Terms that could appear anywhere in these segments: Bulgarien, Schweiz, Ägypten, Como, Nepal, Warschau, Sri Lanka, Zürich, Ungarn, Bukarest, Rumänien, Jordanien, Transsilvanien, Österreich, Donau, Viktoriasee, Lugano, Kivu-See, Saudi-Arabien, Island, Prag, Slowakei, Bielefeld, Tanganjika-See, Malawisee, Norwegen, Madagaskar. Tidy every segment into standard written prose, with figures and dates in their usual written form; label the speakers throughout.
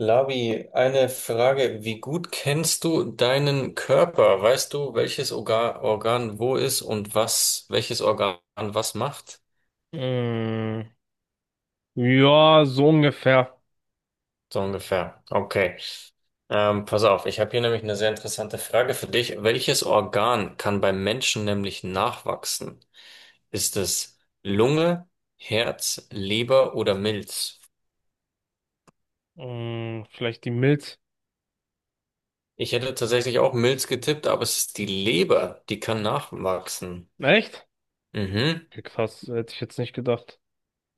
Speaker 1: Labi, eine Frage. Wie gut kennst du deinen Körper? Weißt du, welches Organ wo ist und welches Organ was macht?
Speaker 2: Mm, ja, so ungefähr.
Speaker 1: So ungefähr. Okay. Pass auf, ich habe hier nämlich eine sehr interessante Frage für dich. Welches Organ kann beim Menschen nämlich nachwachsen? Ist es Lunge, Herz, Leber oder Milz?
Speaker 2: Vielleicht die Milz.
Speaker 1: Ich hätte tatsächlich auch Milz getippt, aber es ist die Leber, die kann nachwachsen.
Speaker 2: Echt?
Speaker 1: Mhm.
Speaker 2: Okay, krass, hätte ich jetzt nicht gedacht.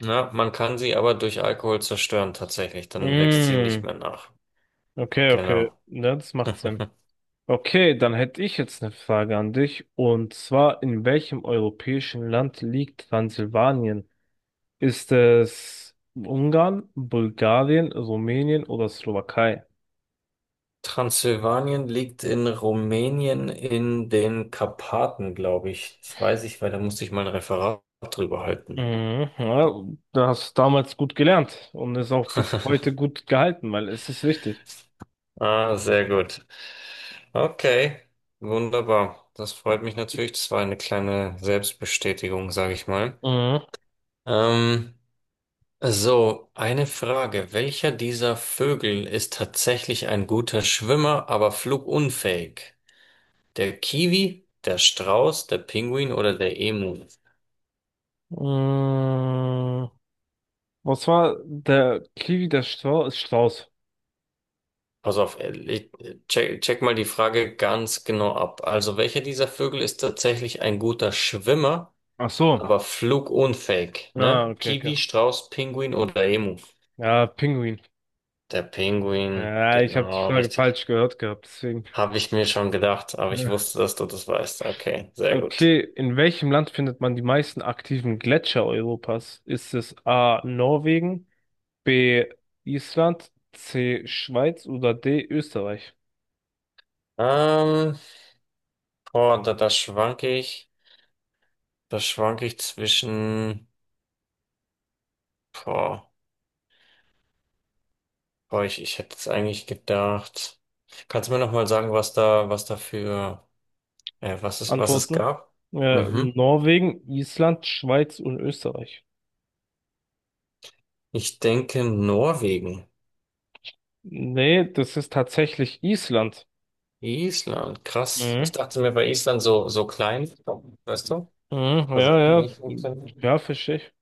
Speaker 1: Ja, man kann sie aber durch Alkohol zerstören, tatsächlich. Dann wächst sie nicht
Speaker 2: Mm,
Speaker 1: mehr nach.
Speaker 2: okay, okay.
Speaker 1: Genau.
Speaker 2: Ja, das macht Sinn. Okay, dann hätte ich jetzt eine Frage an dich. Und zwar, in welchem europäischen Land liegt Transsilvanien? Ist es Ungarn, Bulgarien, Rumänien oder Slowakei?
Speaker 1: Transsilvanien liegt in Rumänien in den Karpaten, glaube ich. Das weiß ich, weil da musste ich mal ein Referat drüber halten.
Speaker 2: Mhm, ja, das hast damals gut gelernt und ist auch bis heute gut gehalten, weil es ist wichtig.
Speaker 1: Ah, sehr gut. Okay, wunderbar. Das freut mich natürlich. Das war eine kleine Selbstbestätigung, sage ich mal.
Speaker 2: Mhm.
Speaker 1: Ähm, So, eine Frage. Welcher dieser Vögel ist tatsächlich ein guter Schwimmer, aber flugunfähig? Der Kiwi, der Strauß, der Pinguin oder der Emu?
Speaker 2: Mm, Was war der Kiwi, der Strauß?
Speaker 1: Pass auf, check mal die Frage ganz genau ab. Also, welcher dieser Vögel ist tatsächlich ein guter Schwimmer,
Speaker 2: Ach so.
Speaker 1: aber flugunfähig?
Speaker 2: Ah,
Speaker 1: Ne?
Speaker 2: okay, okay.
Speaker 1: Kiwi, Strauß, Pinguin oder Emu?
Speaker 2: Ja, Pinguin.
Speaker 1: Der Pinguin,
Speaker 2: Ja, ich habe die
Speaker 1: genau,
Speaker 2: Frage
Speaker 1: richtig.
Speaker 2: falsch gehört gehabt, deswegen.
Speaker 1: Habe ich mir schon gedacht, aber ich
Speaker 2: Ja.
Speaker 1: wusste, dass du das weißt. Okay, sehr gut.
Speaker 2: Okay, in welchem Land findet man die meisten aktiven Gletscher Europas? Ist es A. Norwegen, B. Island, C. Schweiz oder D. Österreich?
Speaker 1: Ähm, boah, da schwanke ich, da schwanke ich zwischen, boah, boah, ich hätte jetzt eigentlich gedacht. Kannst du mir nochmal sagen, was es
Speaker 2: Antworten?
Speaker 1: gab? Mhm.
Speaker 2: Norwegen, Island, Schweiz und Österreich.
Speaker 1: Ich denke Norwegen.
Speaker 2: Nee, das ist tatsächlich Island.
Speaker 1: Island, krass. Ich
Speaker 2: Mhm.
Speaker 1: dachte mir bei Island so, so klein, weißt du,
Speaker 2: Mhm,
Speaker 1: dass es
Speaker 2: ja, ja,
Speaker 1: nicht funktioniert.
Speaker 2: ja, verstehe ich.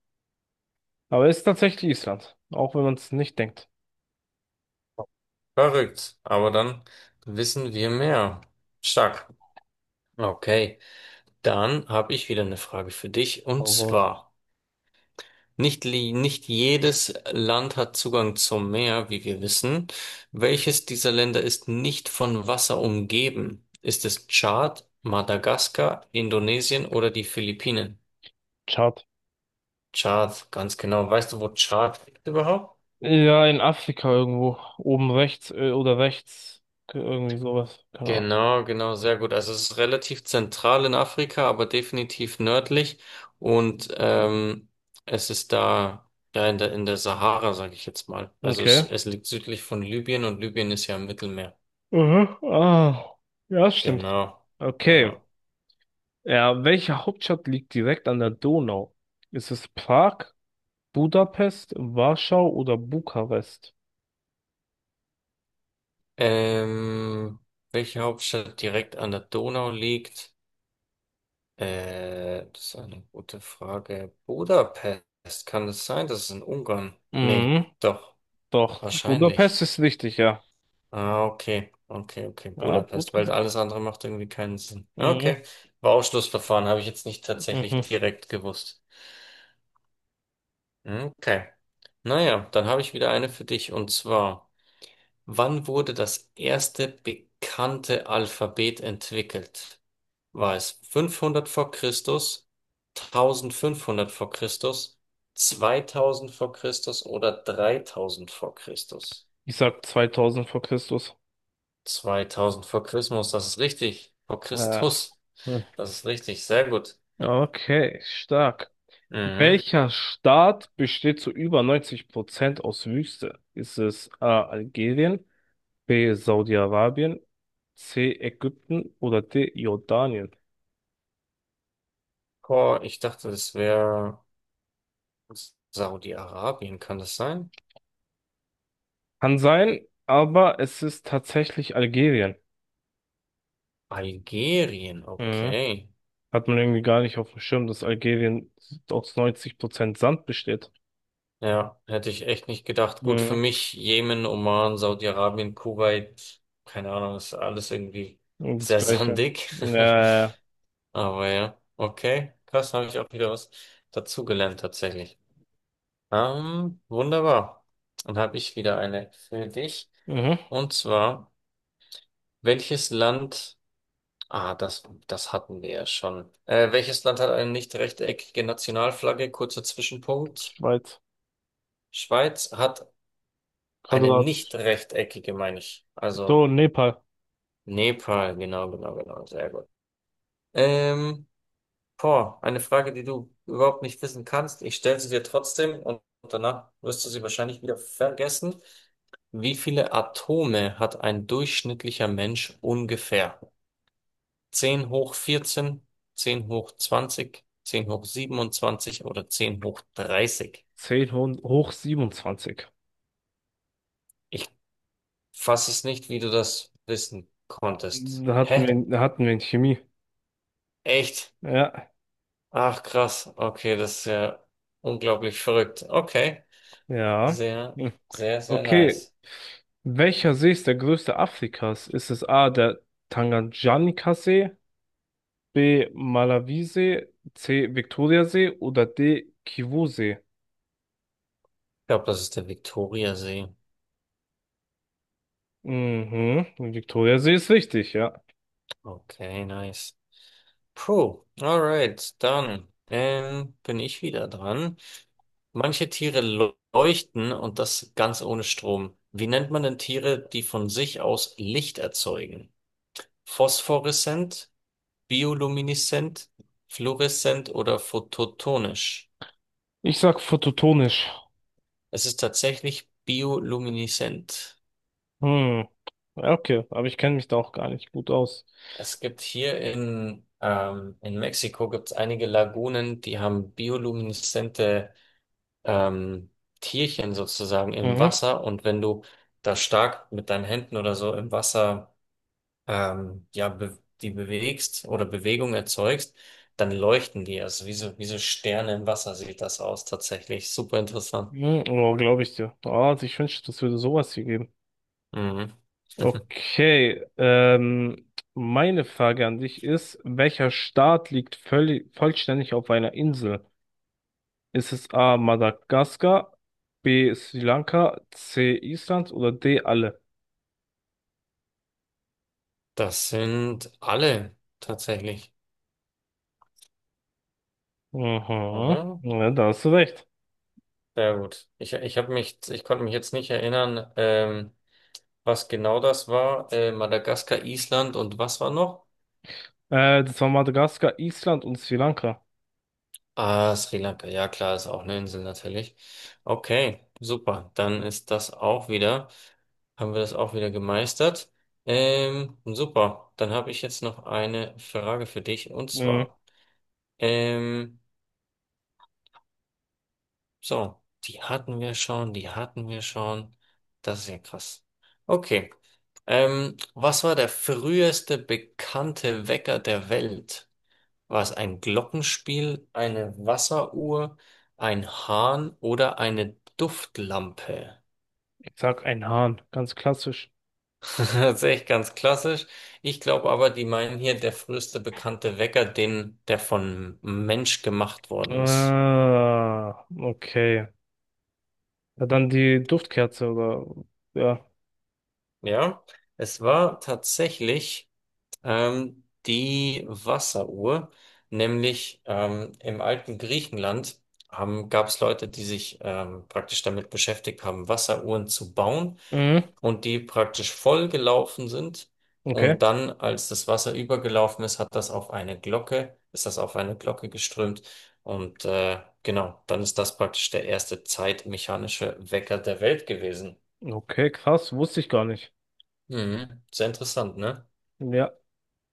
Speaker 2: Aber es ist tatsächlich Island, auch wenn man es nicht denkt.
Speaker 1: Verrückt, aber dann wissen wir mehr. Stark. Okay, dann habe ich wieder eine Frage für dich, und
Speaker 2: Aber
Speaker 1: zwar: Nicht jedes Land hat Zugang zum Meer, wie wir wissen. Welches dieser Länder ist nicht von Wasser umgeben? Ist es Tschad, Madagaskar, Indonesien oder die Philippinen?
Speaker 2: schade.
Speaker 1: Tschad, ganz genau. Weißt du, wo Tschad liegt überhaupt?
Speaker 2: Ja, in Afrika irgendwo, oben rechts, oder rechts, irgendwie sowas, keine Ahnung.
Speaker 1: Genau, genau, sehr gut. Also, es ist relativ zentral in Afrika, aber definitiv nördlich. Und es ist da ja in der Sahara, sage ich jetzt mal. Also, es,
Speaker 2: Okay.
Speaker 1: es liegt südlich von Libyen, und Libyen ist ja im Mittelmeer.
Speaker 2: Mhm. Ah, ja, stimmt.
Speaker 1: Genau,
Speaker 2: Okay.
Speaker 1: genau.
Speaker 2: Ja, welche Hauptstadt liegt direkt an der Donau? Ist es Prag, Budapest, Warschau oder Bukarest?
Speaker 1: Ähm, welche Hauptstadt direkt an der Donau liegt? Das ist eine gute Frage. Budapest, kann es sein? Das ist in Ungarn. Nee,
Speaker 2: Mhm,
Speaker 1: doch,
Speaker 2: doch.
Speaker 1: wahrscheinlich.
Speaker 2: Budapest ist richtig, ja.
Speaker 1: Ah, okay, okay, okay,
Speaker 2: Ja, gut
Speaker 1: Budapest, weil
Speaker 2: gesagt.
Speaker 1: alles andere macht irgendwie keinen Sinn.
Speaker 2: Mhm.
Speaker 1: Okay, war Ausschlussverfahren, habe ich jetzt nicht tatsächlich
Speaker 2: Mhm.
Speaker 1: direkt gewusst. Okay, naja, dann habe ich wieder eine für dich, und zwar: Wann wurde das erste bekannte Alphabet entwickelt? War es 500 v. Chr, 1500 v. Chr, 2000 v. Chr. Oder 3000 v. Chr?
Speaker 2: Ich sag 2000 vor Christus.
Speaker 1: 2000 vor Christus, das ist richtig. Vor
Speaker 2: Ja.
Speaker 1: Christus,
Speaker 2: Hm.
Speaker 1: das ist richtig. Sehr gut.
Speaker 2: Okay, stark.
Speaker 1: Mhm.
Speaker 2: Welcher Staat besteht zu über 90% aus Wüste? Ist es A. Algerien, B. Saudi-Arabien, C. Ägypten oder D. Jordanien?
Speaker 1: Boah, ich dachte, das wäre Saudi-Arabien, kann das sein?
Speaker 2: Kann sein, aber es ist tatsächlich Algerien.
Speaker 1: Algerien,
Speaker 2: Mhm.
Speaker 1: okay.
Speaker 2: Hat man irgendwie gar nicht auf dem Schirm, dass Algerien aus 90% Sand besteht.
Speaker 1: Ja, hätte ich echt nicht gedacht. Gut, für
Speaker 2: Mhm.
Speaker 1: mich Jemen, Oman, Saudi-Arabien, Kuwait, keine Ahnung, ist alles irgendwie
Speaker 2: Und das
Speaker 1: sehr
Speaker 2: Gleiche.
Speaker 1: sandig.
Speaker 2: Ja, ja,
Speaker 1: Aber ja, okay, krass, habe ich auch wieder was dazugelernt tatsächlich. Wunderbar. Dann habe ich wieder eine für dich.
Speaker 2: ja. Mhm.
Speaker 1: Und zwar, welches Land, das hatten wir ja schon. Welches Land hat eine nicht rechteckige Nationalflagge? Kurzer Zwischenpunkt.
Speaker 2: Schweiz.
Speaker 1: Schweiz hat. Eine
Speaker 2: Quadrat.
Speaker 1: nicht rechteckige, meine ich. Also,
Speaker 2: So, Nepal.
Speaker 1: Nepal, genau, genau, genau. Sehr gut. Ähm, boah, eine Frage, die du überhaupt nicht wissen kannst. Ich stelle sie dir trotzdem, und danach wirst du sie wahrscheinlich wieder vergessen. Wie viele Atome hat ein durchschnittlicher Mensch ungefähr? 10^14, 10^20, 10^27 oder 10^30?
Speaker 2: 10 hoch 27.
Speaker 1: Ich fasse es nicht, wie du das wissen konntest.
Speaker 2: Da hatten
Speaker 1: Hä?
Speaker 2: wir, da hatten wir in Chemie.
Speaker 1: Echt?
Speaker 2: Ja,
Speaker 1: Ach, krass. Okay, das ist ja unglaublich verrückt. Okay.
Speaker 2: ja.
Speaker 1: Sehr,
Speaker 2: Hm.
Speaker 1: sehr, sehr
Speaker 2: Okay.
Speaker 1: nice.
Speaker 2: Welcher See ist der größte Afrikas? Ist es A, der Tanganjika-See, B, Malawisee, C, Viktoriasee oder D, Kivu-See?
Speaker 1: Ich glaube, das ist der Viktoriasee.
Speaker 2: Mhm, Viktoriasee ist richtig, ja.
Speaker 1: Okay, nice. Puh, alright, dann bin ich wieder dran. Manche Tiere leuchten, und das ganz ohne Strom. Wie nennt man denn Tiere, die von sich aus Licht erzeugen? Phosphoreszent, biolumineszent, fluoreszent oder phototonisch?
Speaker 2: Ich sag phototonisch.
Speaker 1: Es ist tatsächlich biolumineszent.
Speaker 2: Hm, ja, okay, aber ich kenne mich da auch gar nicht gut aus.
Speaker 1: Es gibt hier in Mexiko, gibt's einige Lagunen, die haben biolumineszente, ähm, Tierchen sozusagen, im
Speaker 2: Mhm.
Speaker 1: Wasser. Und wenn du da stark mit deinen Händen oder so im Wasser, ja, be die bewegst oder Bewegung erzeugst, dann leuchten die. Also wie so, Sterne im Wasser sieht das aus tatsächlich. Super interessant.
Speaker 2: Hm, oh, glaube ich dir. Ah, also ich wünschte, das würde sowas hier geben.
Speaker 1: Mhm.
Speaker 2: Okay, meine Frage an dich ist, welcher Staat liegt vollständig auf einer Insel? Ist es A. Madagaskar, B. Sri Lanka, C. Island oder D. alle?
Speaker 1: Das sind alle tatsächlich,
Speaker 2: Mhm,
Speaker 1: oder?
Speaker 2: ja, da hast du recht.
Speaker 1: Sehr gut. Ich konnte mich jetzt nicht erinnern, was genau das war. Madagaskar, Island und was war noch?
Speaker 2: Das war Madagaskar, Island und Sri Lanka.
Speaker 1: Ah, Sri Lanka. Ja, klar, ist auch eine Insel natürlich. Okay, super. Dann ist das auch wieder, haben wir das auch wieder gemeistert. Super. Dann habe ich jetzt noch eine Frage für dich, und
Speaker 2: Mhm,
Speaker 1: zwar. ähm, So, die hatten wir schon, die hatten wir schon. Das ist ja krass. Okay. Was war der früheste bekannte Wecker der Welt? War es ein Glockenspiel, eine Wasseruhr, ein Hahn oder eine Duftlampe?
Speaker 2: ich sag ein Hahn, ganz klassisch.
Speaker 1: Das ist echt ganz klassisch. Ich glaube aber, die meinen hier der früheste bekannte Wecker, den, der von Mensch gemacht worden ist.
Speaker 2: Ah, okay. Ja, dann die Duftkerze oder... Ja.
Speaker 1: Ja, es war tatsächlich... Die Wasseruhr, nämlich im alten Griechenland gab es Leute, die sich praktisch damit beschäftigt haben, Wasseruhren zu bauen,
Speaker 2: Mhm.
Speaker 1: und die praktisch voll gelaufen sind.
Speaker 2: Okay.
Speaker 1: Und dann, als das Wasser übergelaufen ist, hat das auf eine Glocke, ist das auf eine Glocke geströmt. Und genau, dann ist das praktisch der erste zeitmechanische Wecker der Welt gewesen.
Speaker 2: Okay, krass, wusste ich gar nicht.
Speaker 1: Mhm. Sehr interessant, ne?
Speaker 2: Ja,